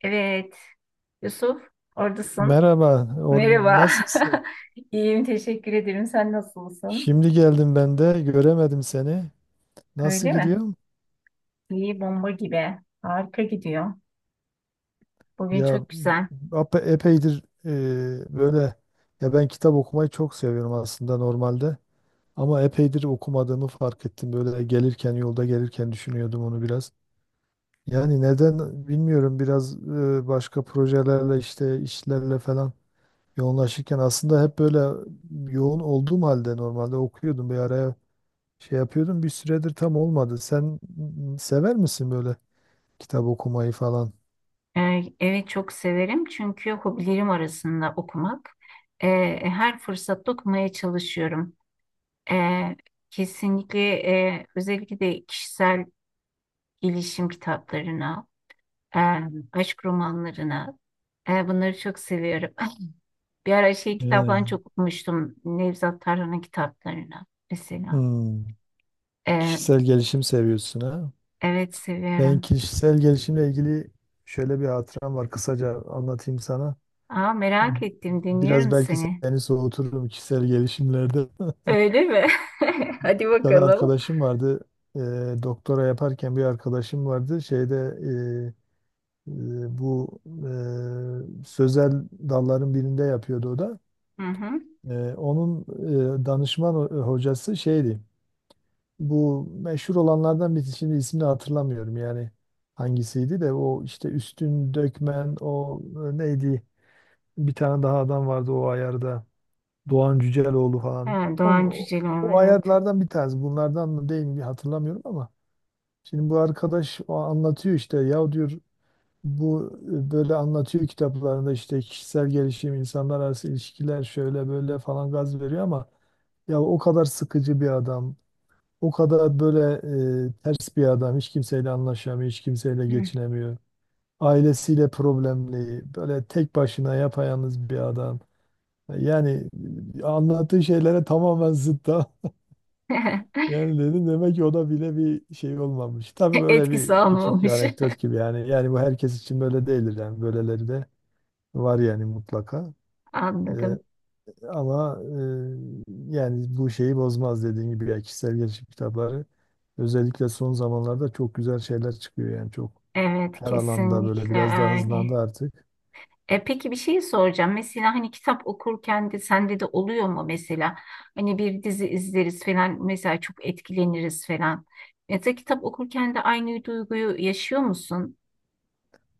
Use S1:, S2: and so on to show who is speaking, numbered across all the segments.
S1: Evet. Yusuf, oradasın.
S2: Merhaba,
S1: Merhaba.
S2: nasılsın?
S1: İyiyim, teşekkür ederim. Sen nasılsın?
S2: Şimdi geldim ben de, göremedim seni. Nasıl
S1: Öyle mi?
S2: gidiyor?
S1: İyi, bomba gibi. Harika gidiyor. Bugün
S2: Ya
S1: çok güzel.
S2: epeydir böyle ya ben kitap okumayı çok seviyorum aslında normalde. Ama epeydir okumadığımı fark ettim. Böyle gelirken yolda gelirken düşünüyordum onu biraz. Yani neden bilmiyorum biraz başka projelerle işte işlerle falan yoğunlaşırken aslında hep böyle yoğun olduğum halde normalde okuyordum bir araya. Şey yapıyordum bir süredir tam olmadı. Sen sever misin böyle kitap okumayı falan?
S1: Evet, çok severim çünkü hobilerim arasında okumak. Her fırsatta okumaya çalışıyorum. Ee, Kesinlikle, özellikle de kişisel gelişim kitaplarına, e, aşk romanlarına, bunları çok seviyorum. Bir ara şey kitaplarını
S2: Ee,
S1: çok okumuştum. Nevzat Tarhan'ın kitaplarını mesela.
S2: Hmm,
S1: Ee,
S2: Kişisel gelişim seviyorsun ha?
S1: evet,
S2: Ben
S1: seviyorum.
S2: kişisel gelişimle ilgili şöyle bir hatıram var. Kısaca anlatayım sana.
S1: Aa, merak ettim,
S2: Biraz
S1: dinliyorum
S2: belki
S1: seni.
S2: seni soğuturum kişisel gelişimlerde.
S1: Öyle mi? Hadi
S2: Bir tane
S1: bakalım.
S2: arkadaşım vardı. Ee, Doktora yaparken bir arkadaşım vardı. Şeyde e, bu sözel dalların birinde yapıyordu o da.
S1: Hı hı.
S2: Onun danışman hocası şeydi. Bu meşhur olanlardan birisi, şimdi ismini hatırlamıyorum yani hangisiydi, de o işte Üstün Dökmen, o neydi, bir tane daha adam vardı o ayarda, Doğan Cüceloğlu falan.
S1: Ha,
S2: Onun,
S1: Doğan
S2: o
S1: Cüceloğlu,
S2: o
S1: evet.
S2: ayarlardan bir tanesi bunlardan mı değil mi hatırlamıyorum ama şimdi bu arkadaş o anlatıyor işte, ya diyor bu böyle anlatıyor kitaplarında işte kişisel gelişim, insanlar arası ilişkiler şöyle böyle falan, gaz veriyor ama ya o kadar sıkıcı bir adam, o kadar böyle ters bir adam, hiç kimseyle anlaşamıyor, hiç kimseyle
S1: Hı.
S2: geçinemiyor. Ailesiyle problemli, böyle tek başına yapayalnız bir adam. Yani anlattığı şeylere tamamen zıt da. Yani dedim demek ki o da bile bir şey olmamış. Tabii böyle
S1: Etkisi
S2: bir küçük bir
S1: almamış.
S2: anekdot gibi yani. Yani bu herkes için böyle değildir yani, böyleleri de var yani mutlaka. Eee,
S1: Anladım.
S2: ama Yani bu şeyi bozmaz, dediğim gibi ya kişisel gelişim kitapları özellikle son zamanlarda çok güzel şeyler çıkıyor, yani çok
S1: Evet,
S2: her alanda böyle
S1: kesinlikle
S2: biraz daha
S1: öyle.
S2: hızlandı artık.
S1: Peki, bir şey soracağım. Mesela hani kitap okurken de sende de oluyor mu mesela? Hani bir dizi izleriz falan, mesela çok etkileniriz falan. Mesela kitap okurken de aynı duyguyu yaşıyor musun?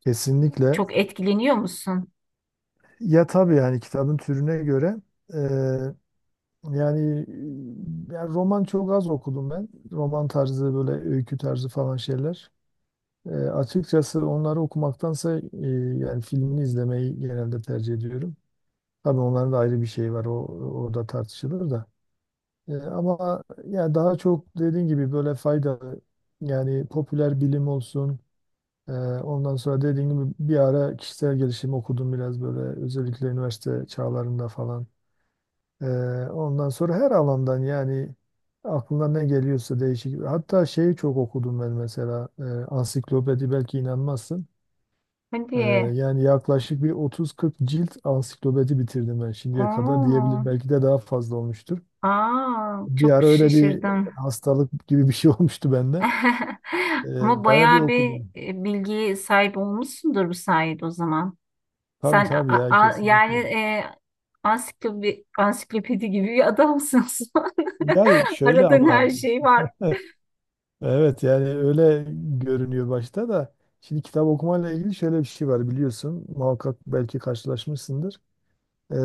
S2: Kesinlikle
S1: Çok etkileniyor musun?
S2: ya tabii, yani kitabın türüne göre eee, yani, yani roman çok az okudum ben. Roman tarzı, böyle öykü tarzı falan şeyler. Açıkçası onları okumaktansa yani filmini izlemeyi genelde tercih ediyorum. Tabii onların da ayrı bir şeyi var. O orada tartışılır da. Ama yani daha çok dediğin gibi böyle faydalı, yani popüler bilim olsun. Ondan sonra dediğin gibi bir ara kişisel gelişim okudum biraz, böyle özellikle üniversite çağlarında falan. E, Ondan sonra her alandan, yani aklına ne geliyorsa değişik. Hatta şeyi çok okudum ben mesela, ansiklopedi, belki inanmazsın. Ee,
S1: Hadi.
S2: Yani yaklaşık bir 30-40 cilt ansiklopedi bitirdim ben şimdiye kadar
S1: Oo.
S2: diyebilirim. Belki de daha fazla olmuştur.
S1: Aa,
S2: Bir
S1: çok
S2: ara öyle bir
S1: şaşırdım.
S2: hastalık gibi bir şey olmuştu bende.
S1: Ama
S2: Bayağı bir
S1: bayağı bir
S2: okudum.
S1: bilgiye sahip olmuşsundur bu sayede o zaman.
S2: Tabii
S1: Sen
S2: tabii ya,
S1: yani
S2: kesinlikle.
S1: ansiklopedi gibi bir adamsın, Osman.
S2: Ya şöyle
S1: Aradığın
S2: ama
S1: her şey var.
S2: evet, yani öyle görünüyor başta da. Şimdi kitap okumayla ilgili şöyle bir şey var biliyorsun. Muhakkak belki karşılaşmışsındır. Ee,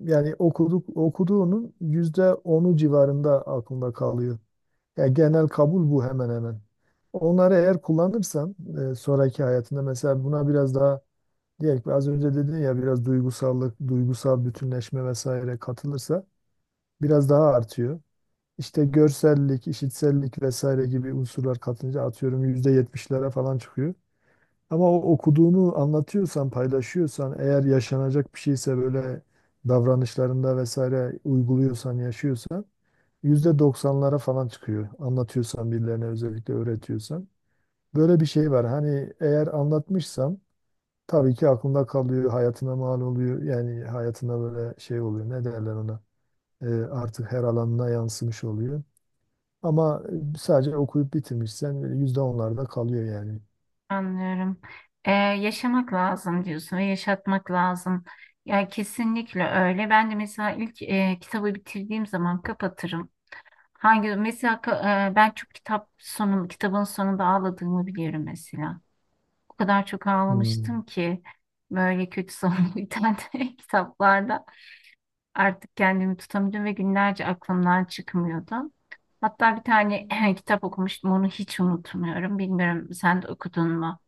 S2: Yani okuduğunun %10'u civarında aklında kalıyor. Ya genel kabul bu hemen hemen. Onları eğer kullanırsan sonraki hayatında, mesela buna biraz daha, diyelim ki az önce dedin ya, biraz duygusallık, duygusal bütünleşme vesaire katılırsa biraz daha artıyor. İşte görsellik, işitsellik vesaire gibi unsurlar katınca atıyorum %70'lere falan çıkıyor. Ama o okuduğunu anlatıyorsan, paylaşıyorsan, eğer yaşanacak bir şeyse böyle davranışlarında vesaire uyguluyorsan, yaşıyorsan %90'lara falan çıkıyor. Anlatıyorsan birilerine, özellikle öğretiyorsan. Böyle bir şey var. Hani eğer anlatmışsam tabii ki aklında kalıyor, hayatına mal oluyor. Yani hayatına böyle şey oluyor. Ne derler ona? Artık her alanına yansımış oluyor. Ama sadece okuyup bitirmişsen %10'larda kalıyor yani.
S1: Anlıyorum. Yaşamak lazım diyorsun ve yaşatmak lazım. Ya, kesinlikle öyle. Ben de mesela ilk kitabı bitirdiğim zaman kapatırım. Hangi mesela, ben çok kitap kitabın sonunda ağladığımı biliyorum mesela. O kadar çok
S2: Hmm.
S1: ağlamıştım ki böyle kötü sonlu biten kitaplarda. Artık kendimi tutamıyordum ve günlerce aklımdan çıkmıyordu. Hatta bir tane kitap okumuştum, onu hiç unutmuyorum. Bilmiyorum, sen de okudun mu?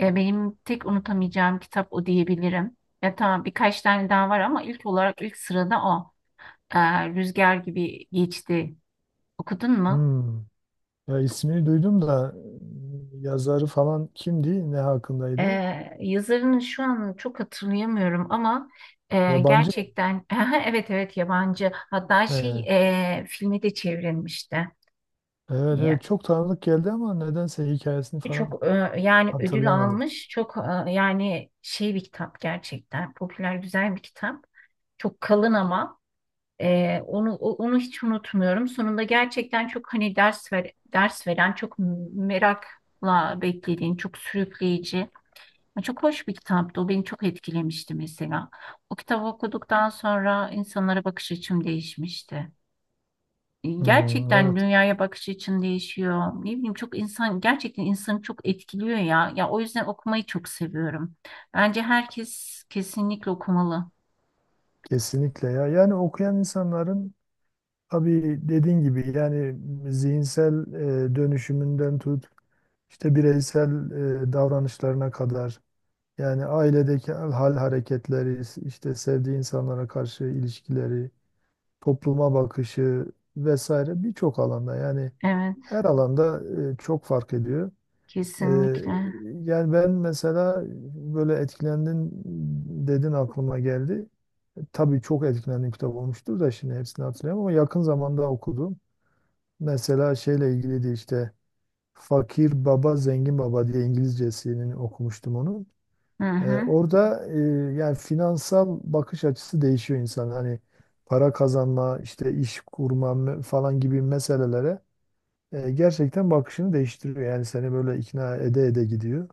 S1: Benim tek unutamayacağım kitap o diyebilirim. Ya tamam, birkaç tane daha var ama ilk olarak ilk sırada o. E, Rüzgar Gibi Geçti. Okudun mu?
S2: Hmm. Ya ismini duydum da yazarı falan kimdi? Ne
S1: E,
S2: hakkındaydı?
S1: Yazarını şu an çok hatırlayamıyorum ama
S2: Yabancı mı?
S1: gerçekten, evet evet, yabancı. Hatta şey,
S2: Ee,
S1: filme de çevrilmişti.
S2: evet evet,
S1: Ya,
S2: çok tanıdık geldi ama nedense hikayesini falan
S1: çok, yani ödül
S2: hatırlayamadım.
S1: almış. Çok, yani şey bir kitap gerçekten. Popüler, güzel bir kitap. Çok kalın ama onu hiç unutmuyorum. Sonunda gerçekten çok hani ders veren, çok merakla beklediğin, çok sürükleyici. Çok hoş bir kitaptı. O beni çok etkilemişti mesela. O kitabı okuduktan sonra insanlara bakış açım değişmişti.
S2: Hmm,
S1: Gerçekten
S2: evet,
S1: dünyaya bakış açın değişiyor. Ne bileyim, çok insan, gerçekten insanı çok etkiliyor ya. Ya, o yüzden okumayı çok seviyorum. Bence herkes kesinlikle okumalı.
S2: kesinlikle ya. Yani okuyan insanların, tabii dediğin gibi yani, zihinsel dönüşümünden tut, işte bireysel davranışlarına kadar, yani ailedeki hal hareketleri, işte sevdiği insanlara karşı ilişkileri, topluma bakışı vesaire, birçok alanda yani,
S1: Evet,
S2: her alanda çok fark ediyor. Ee,
S1: kesinlikle.
S2: Yani ben mesela, böyle etkilendin dedin, aklıma geldi. Tabii çok etkilendiğim kitap olmuştur da şimdi hepsini hatırlayamam ama yakın zamanda okudum. Mesela şeyle ilgiliydi işte, Fakir Baba Zengin Baba diye, İngilizcesini okumuştum onu.
S1: Hı hı.
S2: Orada yani finansal bakış açısı değişiyor insan. Hani para kazanma, işte iş kurma falan gibi meselelere gerçekten bakışını değiştiriyor. Yani seni böyle ikna ede ede gidiyor.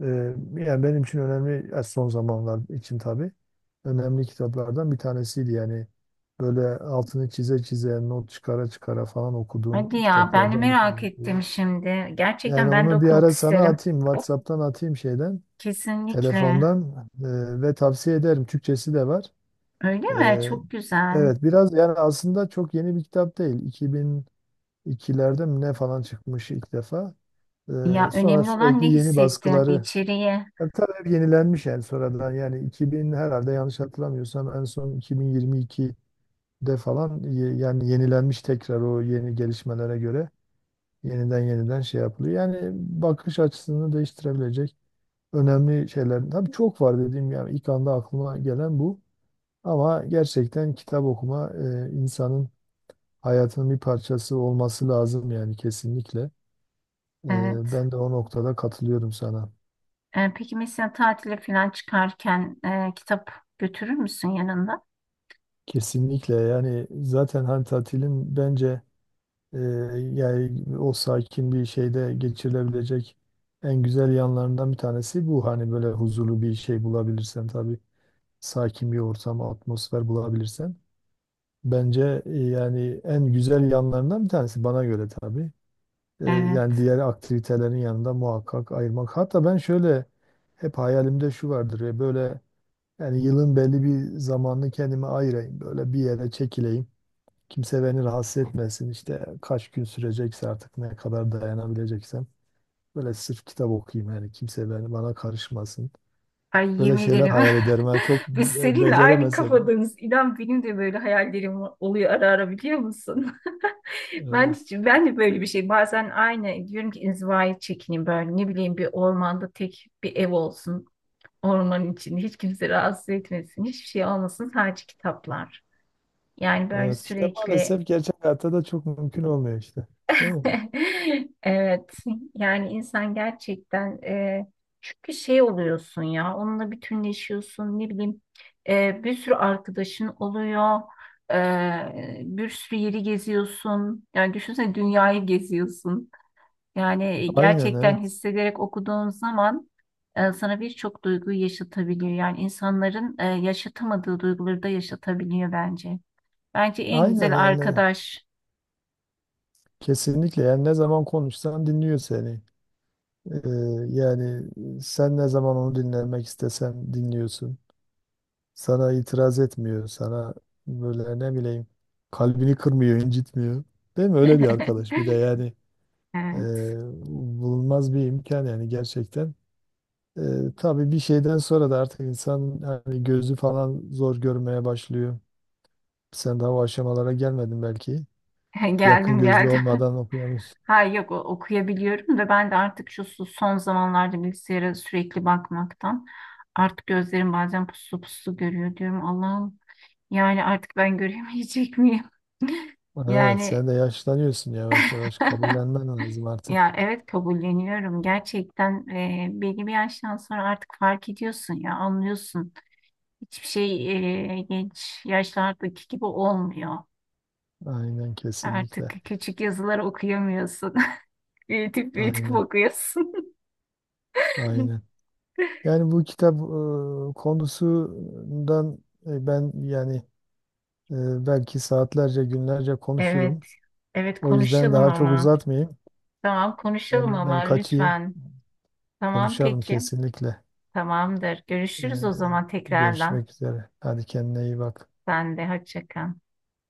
S2: Ee, Yani benim için önemli, son zamanlar için tabii önemli kitaplardan bir tanesiydi yani, böyle altını çize çize, not çıkara çıkara falan okuduğum
S1: Hadi ya, ben de
S2: kitaplardan bir
S1: merak
S2: tanesiydi.
S1: ettim şimdi. Gerçekten
S2: Yani
S1: ben de
S2: onu bir
S1: okumak
S2: ara sana
S1: isterim.
S2: atayım, WhatsApp'tan atayım şeyden,
S1: Kesinlikle.
S2: telefondan, ve tavsiye ederim, Türkçesi de var.
S1: Öyle
S2: E,
S1: mi? Çok güzel.
S2: evet biraz, yani aslında çok yeni bir kitap değil, 2002'lerde mi ne falan çıkmış ilk defa.
S1: Ya,
S2: E, Sonra
S1: önemli olan
S2: sürekli
S1: ne
S2: yeni
S1: hissettirdi
S2: baskıları,
S1: içeriye.
S2: ya tabii hep yenilenmiş yani, sonradan, yani 2000, herhalde yanlış hatırlamıyorsam en son 2022'de falan yani yenilenmiş tekrar, o yeni gelişmelere göre yeniden yeniden şey yapılıyor. Yani bakış açısını değiştirebilecek önemli şeyler. Tabii çok var dediğim, yani ilk anda aklıma gelen bu. Ama gerçekten kitap okuma insanın hayatının bir parçası olması lazım yani, kesinlikle. E,
S1: Evet.
S2: Ben de o noktada katılıyorum sana.
S1: Peki mesela tatile falan çıkarken kitap götürür müsün yanında?
S2: Kesinlikle yani, zaten hani tatilin bence Ee, yani o sakin bir şeyde geçirilebilecek en güzel yanlarından bir tanesi bu. Hani böyle huzurlu bir şey bulabilirsen tabii, sakin bir ortam, atmosfer bulabilirsen. Bence yani en güzel yanlarından bir tanesi, bana göre tabii. Yani
S1: Evet.
S2: diğer aktivitelerin yanında muhakkak ayırmak. Hatta ben şöyle, hep hayalimde şu vardır ya, böyle yani yılın belli bir zamanını kendime ayırayım, böyle bir yere çekileyim. Kimse beni rahatsız etmesin. İşte kaç gün sürecekse artık, ne kadar dayanabileceksem. Böyle sırf kitap okuyayım yani. Kimse beni, bana karışmasın.
S1: Ay,
S2: Böyle
S1: yemin
S2: şeyler
S1: ederim.
S2: hayal ederim. Yani çok,
S1: Biz seninle aynı
S2: beceremesem de.
S1: kafadayız. İnan benim de böyle hayallerim oluyor ara ara, biliyor musun? Ben,
S2: Evet.
S1: ben de böyle bir şey. Bazen aynı diyorum ki inzivaya çekineyim böyle. Ne bileyim, bir ormanda tek bir ev olsun. Ormanın içinde hiç kimse rahatsız etmesin. Hiçbir şey olmasın, sadece kitaplar. Yani böyle
S2: Evet. İşte
S1: sürekli.
S2: maalesef gerçek hayatta da çok mümkün olmuyor işte. Değil mi?
S1: Evet, yani insan gerçekten, çünkü şey oluyorsun ya, onunla bütünleşiyorsun, ne bileyim, bir sürü arkadaşın oluyor, e, bir sürü yeri geziyorsun, yani düşünsene, dünyayı geziyorsun, yani
S2: Aynen,
S1: gerçekten
S2: evet.
S1: hissederek okuduğun zaman sana birçok duyguyu yaşatabiliyor, yani insanların yaşatamadığı duyguları da yaşatabiliyor. Bence en
S2: Aynen
S1: güzel
S2: yani.
S1: arkadaş.
S2: Kesinlikle yani, ne zaman konuşsan dinliyor seni. Ee, Yani sen ne zaman onu dinlemek istesen dinliyorsun. Sana itiraz etmiyor. Sana böyle, ne bileyim, kalbini kırmıyor, incitmiyor. Değil mi? Öyle bir arkadaş. Bir de yani, e,
S1: Evet.
S2: bulunmaz bir imkan yani, gerçekten. E, tabii bir şeyden sonra da artık insan hani gözü falan zor görmeye başlıyor. Sen daha o aşamalara gelmedin belki. Yakın
S1: Geldim,
S2: gözlü
S1: geldim.
S2: olmadan okuyamıyorsun.
S1: Ha, yok, okuyabiliyorum da ben de artık şu son zamanlarda bilgisayara sürekli bakmaktan artık gözlerim bazen puslu puslu görüyor, diyorum. Allah'ım, yani artık ben göremeyecek miyim?
S2: Evet,
S1: Yani
S2: sen de yaşlanıyorsun yavaş yavaş. Kabullenmen lazım artık.
S1: ya, evet, kabulleniyorum. Gerçekten belli bir yaştan sonra artık fark ediyorsun, ya anlıyorsun. Hiçbir şey genç yaşlardaki gibi olmuyor.
S2: Aynen,
S1: Artık
S2: kesinlikle.
S1: küçük yazıları okuyamıyorsun. Büyütüp büyütüp
S2: Aynen.
S1: okuyorsun.
S2: Aynen. Yani bu kitap konusundan, ben yani, belki saatlerce, günlerce konuşurum.
S1: Evet. Evet,
S2: O yüzden
S1: konuşalım
S2: daha çok
S1: ama.
S2: uzatmayayım.
S1: Tamam, konuşalım
S2: Ben,
S1: ama
S2: ben kaçayım.
S1: lütfen. Tamam,
S2: Konuşalım
S1: peki.
S2: kesinlikle.
S1: Tamamdır.
S2: E,
S1: Görüşürüz o zaman tekrardan.
S2: Görüşmek üzere. Hadi kendine iyi bak.
S1: Sen de hoşça kal.